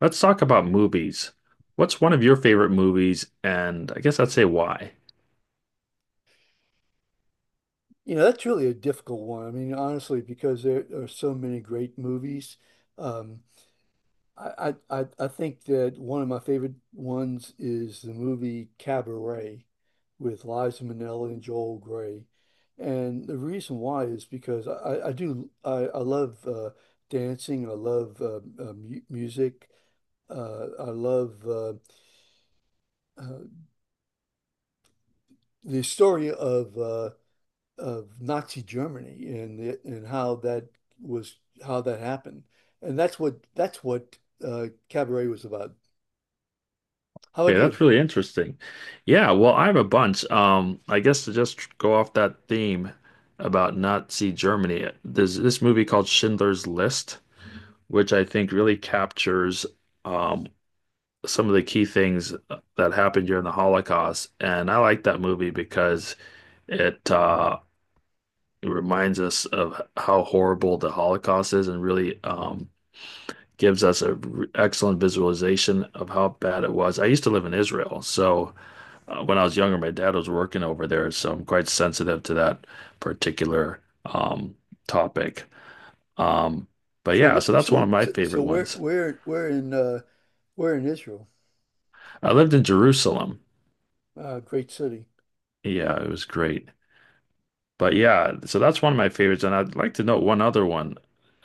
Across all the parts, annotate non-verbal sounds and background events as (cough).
Let's talk about movies. What's one of your favorite movies? And I guess I'd say why. You know, that's really a difficult one. I mean, honestly, because there are so many great movies. Um, I think that one of my favorite ones is the movie Cabaret with Liza Minnelli and Joel Gray. And the reason why is because I love dancing. I love mu music. I love uh, the story of Nazi Germany and how that was how that happened. And that's what Cabaret was about. How about Okay, you? that's really interesting. Yeah, well, I have a bunch. I guess to just go off that theme about Nazi Germany, there's this movie called Schindler's List, which I think really captures um, some of the key things that happened during the Holocaust. And I like that movie because it uh, it reminds us of how horrible the Holocaust is and really gives us excellent visualization of how bad it was. I used to live in Israel, so when I was younger, my dad was working over there, so I'm quite sensitive to that particular um, topic. Um, but yeah, So so that's one so of my so so favorite ones. We're in Israel, I lived in Jerusalem. Great city. Yeah, it was great. But yeah, so that's one of my favorites, and I'd like to know one other one.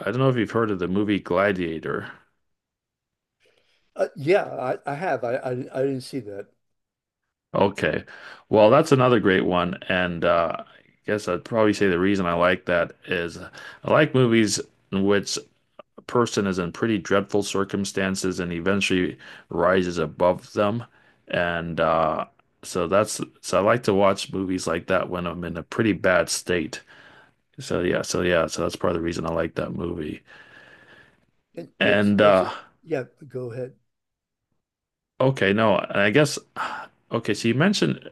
I don't know if you've heard of the movie Gladiator. Yeah, I have. I didn't see that. Okay. Well, that's another great one. And I guess I'd probably say the reason I like that is I like movies in which a person is in pretty dreadful circumstances and eventually rises above them. And so that's so I like to watch movies like that when I'm in a pretty bad state. So yeah, so yeah, so that's part of the reason I like that movie. That's And that's uh, it. Yeah, go ahead. okay, no, and I guess (sighs) okay, so you mentioned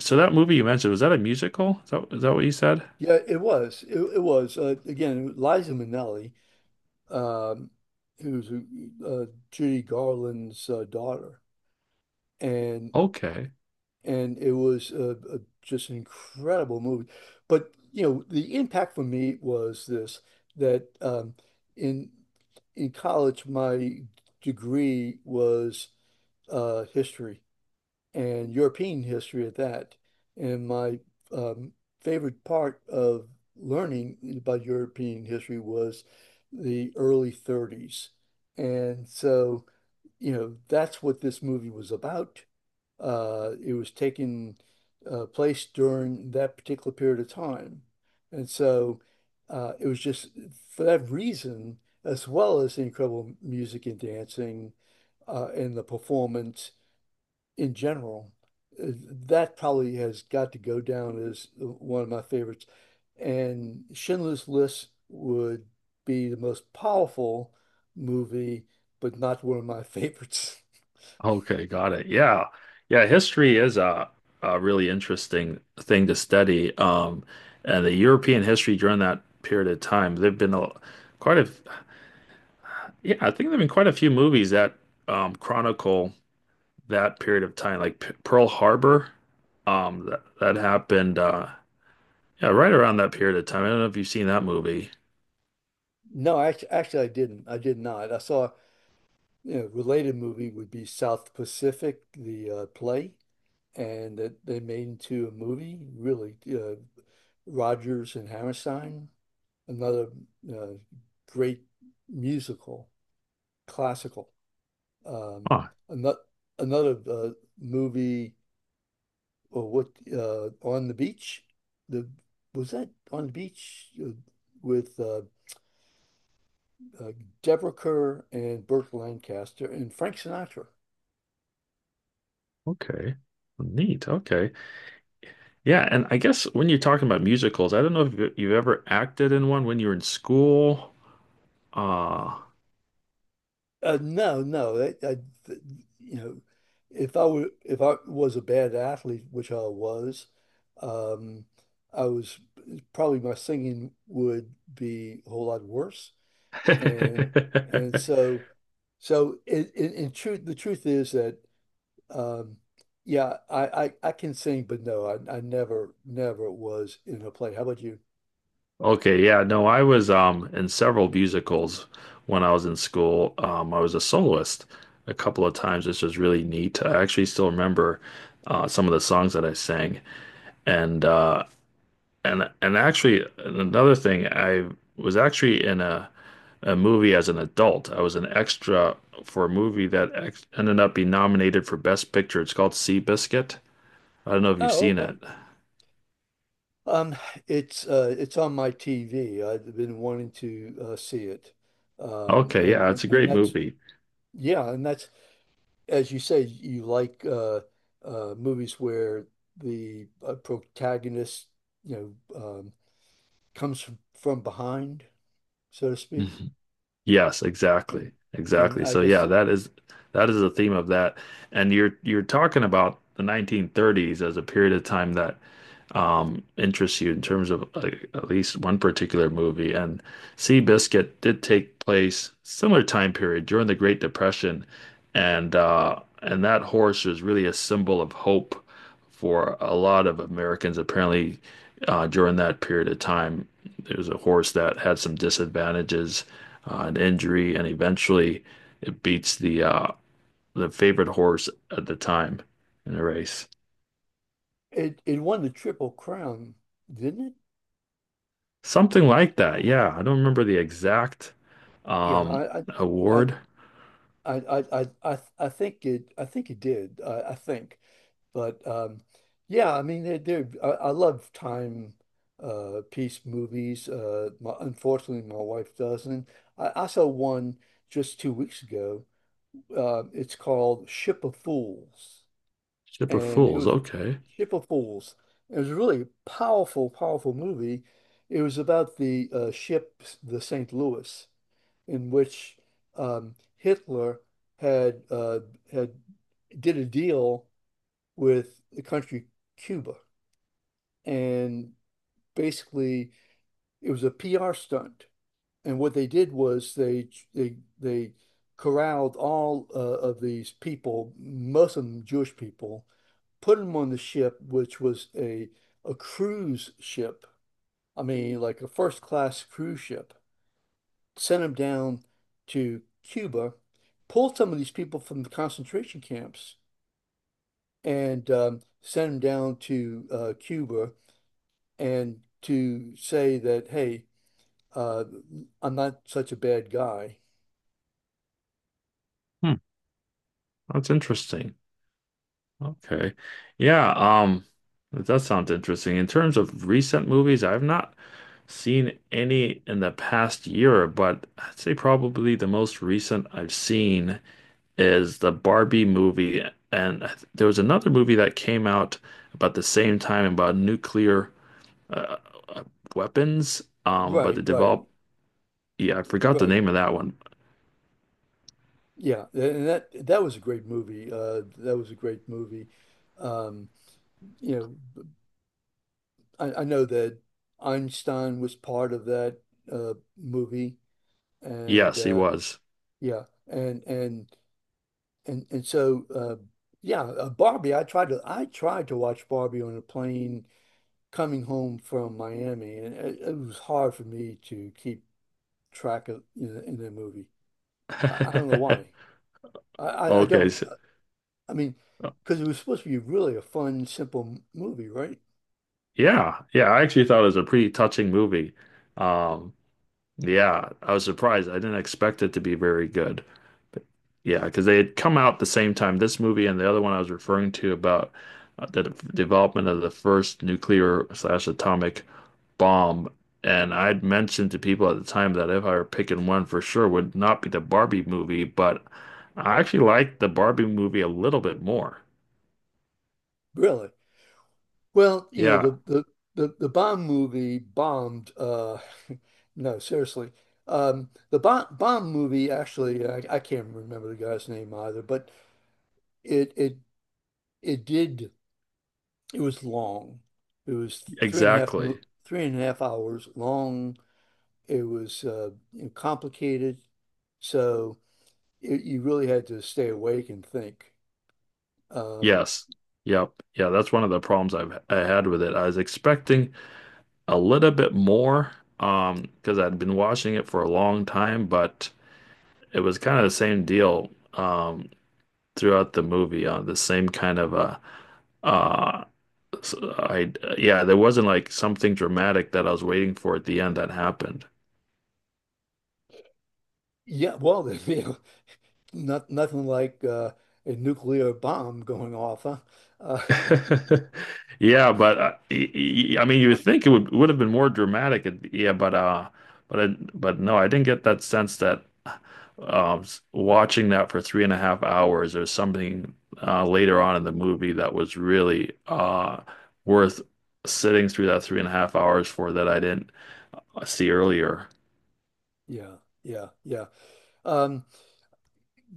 so that movie you mentioned, was that a musical? Is that what you said? Yeah, it was. It was. Again, Liza Minnelli, um, who's Judy Garland's daughter, and Okay. It was a, just an incredible movie. But you know, the impact for me was this that in in college, my degree was history and European history at that, and my um, favorite part of learning about European history was the early '30s, and so. You know, that's what this movie was about, it was taking place during that particular period of time. And so it was just for that reason, as well as the incredible music and dancing, and the performance in general, uh, that probably has got to go down as one of my favorites. And Schindler's List would be the most powerful movie, but not one of my favorites. (laughs) Okay, got it. Yeah. Yeah, history is a really interesting thing to study. And the European history during that period of time, there've been a quite a yeah, I think there've been quite a few movies that chronicle that period of time, like P Pearl Harbor. That that happened yeah, right around that period of time. I don't know if you've seen that movie. No, actually, actually, I didn't. I did not. I saw, you know, related movie would be South Pacific, the play, and that they made into a movie, really. Rodgers and Hammerstein, another uh, great musical, classical. Um, Oh, another another movie, or what, On the Beach? The was that On the Beach with uh, Deborah Kerr and Burt Lancaster and Frank Sinatra? okay. Neat. Okay. Yeah, and I guess when you're talking about musicals, I don't know if you've ever acted in one when you were in school. Uh No, no. Th- you know, if I was a bad athlete, which I was, um, I was probably my singing would be a whole lot worse. And and (laughs) so, so in truth, the truth is that um, yeah, I can sing, but no, I never was in a play. How about you? Okay, yeah, no, I was in several musicals when I was in school. I was a soloist a couple of times, which was really neat. I actually still remember some of the songs that I sang, and uh, and actually another thing, I was actually in a movie as an adult. I was an extra for a movie that ex ended up being nominated for Best Picture. It's called Seabiscuit. I don't know if you've Oh, seen it. okay. Um, it's on my TV. I've been wanting to see it, Okay, yeah, it's a and great that's, movie. yeah, and that's, as you say, you like movies where the protagonist, you know, comes from behind, so to (laughs) speak, Yes, exactly. and Exactly. I So yeah, guess that is the theme of that. And you're talking about the 1930s as a period of time that interests you in terms of like, at least one particular movie. And Seabiscuit did take place similar time period during the Great Depression. And and that horse was really a symbol of hope for a lot of Americans apparently during that period of time. It was a horse that had some disadvantages, an injury, and eventually it beats the favorite horse at the time in a race. it won the Triple Crown, didn't it? Something like that. Yeah, I don't remember the exact Yeah, um, I I I award. I think it did. I think. But yeah, I mean, I love time piece movies. My, unfortunately, my wife doesn't. I saw one just 2 weeks ago. It's called Ship of Fools, Ship of and it Fools. was Okay. Ship of Fools. It was a really powerful, powerful movie. It was about the ship, the St. Louis, in which Hitler had uh, had did a deal with the country Cuba, and basically it was a PR stunt. And what they did was they corralled all of these people, Muslim Jewish people, put them on the ship, which was a cruise ship. I mean, like a first class cruise ship. Sent them down to Cuba, pulled some of these people from the concentration camps, and sent them down to Cuba and to say that, hey, uh, I'm not such a bad guy. Hmm, that's interesting. Okay. Yeah. That does sound interesting. In terms of recent movies, I've not seen any in the past year, but I'd say probably the most recent I've seen is the Barbie movie, and there was another movie that came out about the same time about nuclear uh, uh, weapons, about the Right, right, develop. Yeah, I forgot the right. name of that one. Yeah, and that that was a great movie. That was a great movie. Um, you know, I know that Einstein was part of that movie, and Yes, he was. yeah, and so yeah, Barbie. I tried to watch Barbie on a plane coming home from Miami, and it was hard for me to keep track of in the movie. I don't know why. (laughs) I Okay, don't. so, I mean, because it was supposed to be really a fun, simple movie, right? yeah, yeah. I actually thought it was a pretty touching movie. Um, Yeah, I was surprised. I didn't expect it to be very good. But yeah, because they had come out the same time, this movie and the other one I was referring to about development of the first nuclear slash atomic bomb. And I'd mentioned to people at the time that if I were picking one for sure would not be the Barbie movie, but I actually liked the Barbie movie a little bit more. Really. Well, you know, Yeah, the bomb movie bombed. (laughs) No, seriously. The bomb movie actually, I can't remember the guy's name either, but it it did. It was long. It was exactly. three and a half hours long. It was, you know, complicated. So, it, you really had to stay awake and think. Um, Yes. Yep. Yeah, that's one of the problems I had with it. I was expecting a little bit more because I'd been watching it for a long time, but it was kind of the same deal throughout the movie, the same kind of uh s- I yeah, there wasn't like something dramatic that I was waiting for at the end that happened. yeah, well, (laughs) you know, nothing like a nuclear bomb going off, huh? Uh, (laughs) Yeah, but I mean, you would think it would have been more dramatic. Yeah, but I, but no, I didn't get that sense that watching that for 3.5 hours or something later on in the movie that was really worth sitting through that 3.5 hours for that I didn't see earlier. (laughs) yeah, yeah, yeah. Um,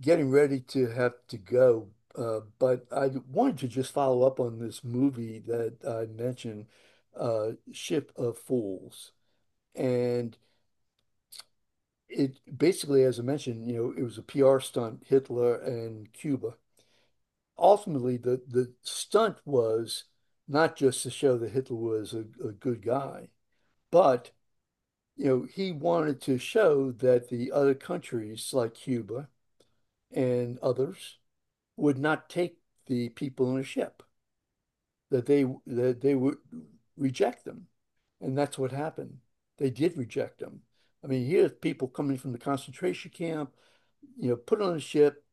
Getting ready to have to go, but I wanted to just follow up on this movie that I mentioned, Ship of Fools, and it basically, as I mentioned, you know, it was a PR stunt, Hitler and Cuba. Ultimately, the stunt was not just to show that Hitler was a good guy, but you know he wanted to show that the other countries like Cuba and others would not take the people in a ship, that they would reject them, and that's what happened. They did reject them. I mean, here's people coming from the concentration camp, you know, put on a ship,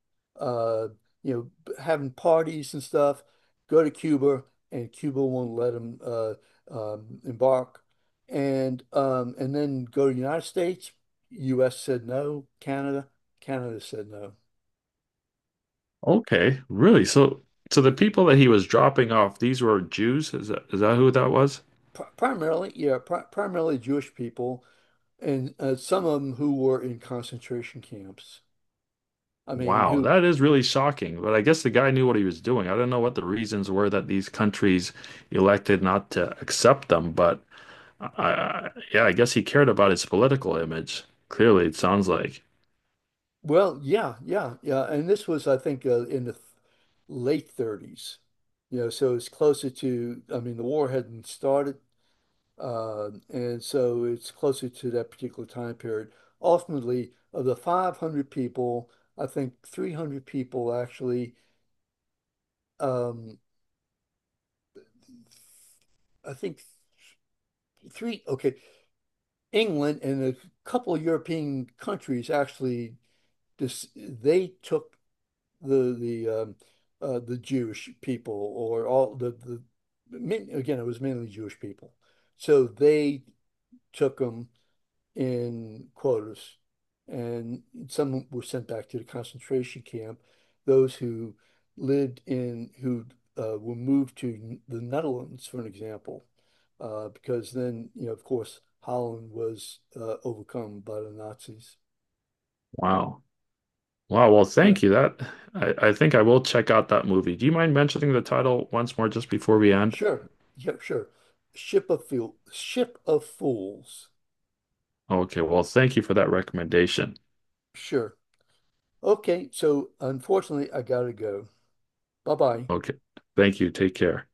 uh, you know, having parties and stuff, go to Cuba, and Cuba won't let them embark, and then go to the United States. U.S. said no. Canada, Canada said no. Okay, really? So, so the people that he was dropping off, these were Jews? Is that who that was? Primarily, yeah, primarily Jewish people, and some of them who were in concentration camps. I mean, Wow, who. that is really shocking. But I guess the guy knew what he was doing. I don't know what the reasons were that these countries elected not to accept them, but yeah, I guess he cared about his political image. Clearly, it sounds like. Well, yeah, yeah, yeah. And this was, I think, in the th late '30s, you know, so it's closer to, I mean, the war hadn't started. And so it's closer to that particular time period. Ultimately, of the 500 people, I think 300 people actually, um, I think three, okay, England and a couple of European countries actually, this, they took the the um, the Jewish people, or all the again it was mainly Jewish people, so they took them in quotas, and some were sent back to the concentration camp. Those who lived in, who were moved to the Netherlands, for an example, because then you know of course Holland was overcome by the Nazis. Wow. Wow, well, Yeah. thank you. That I think I will check out that movie. Do you mind mentioning the title once more just before we end? Sure. Yeah, sure. Ship of Fool. Ship of Fools. Okay, well, thank you for that recommendation. Sure. Okay, so unfortunately, I gotta go. Bye-bye. Okay. Thank you. Take care.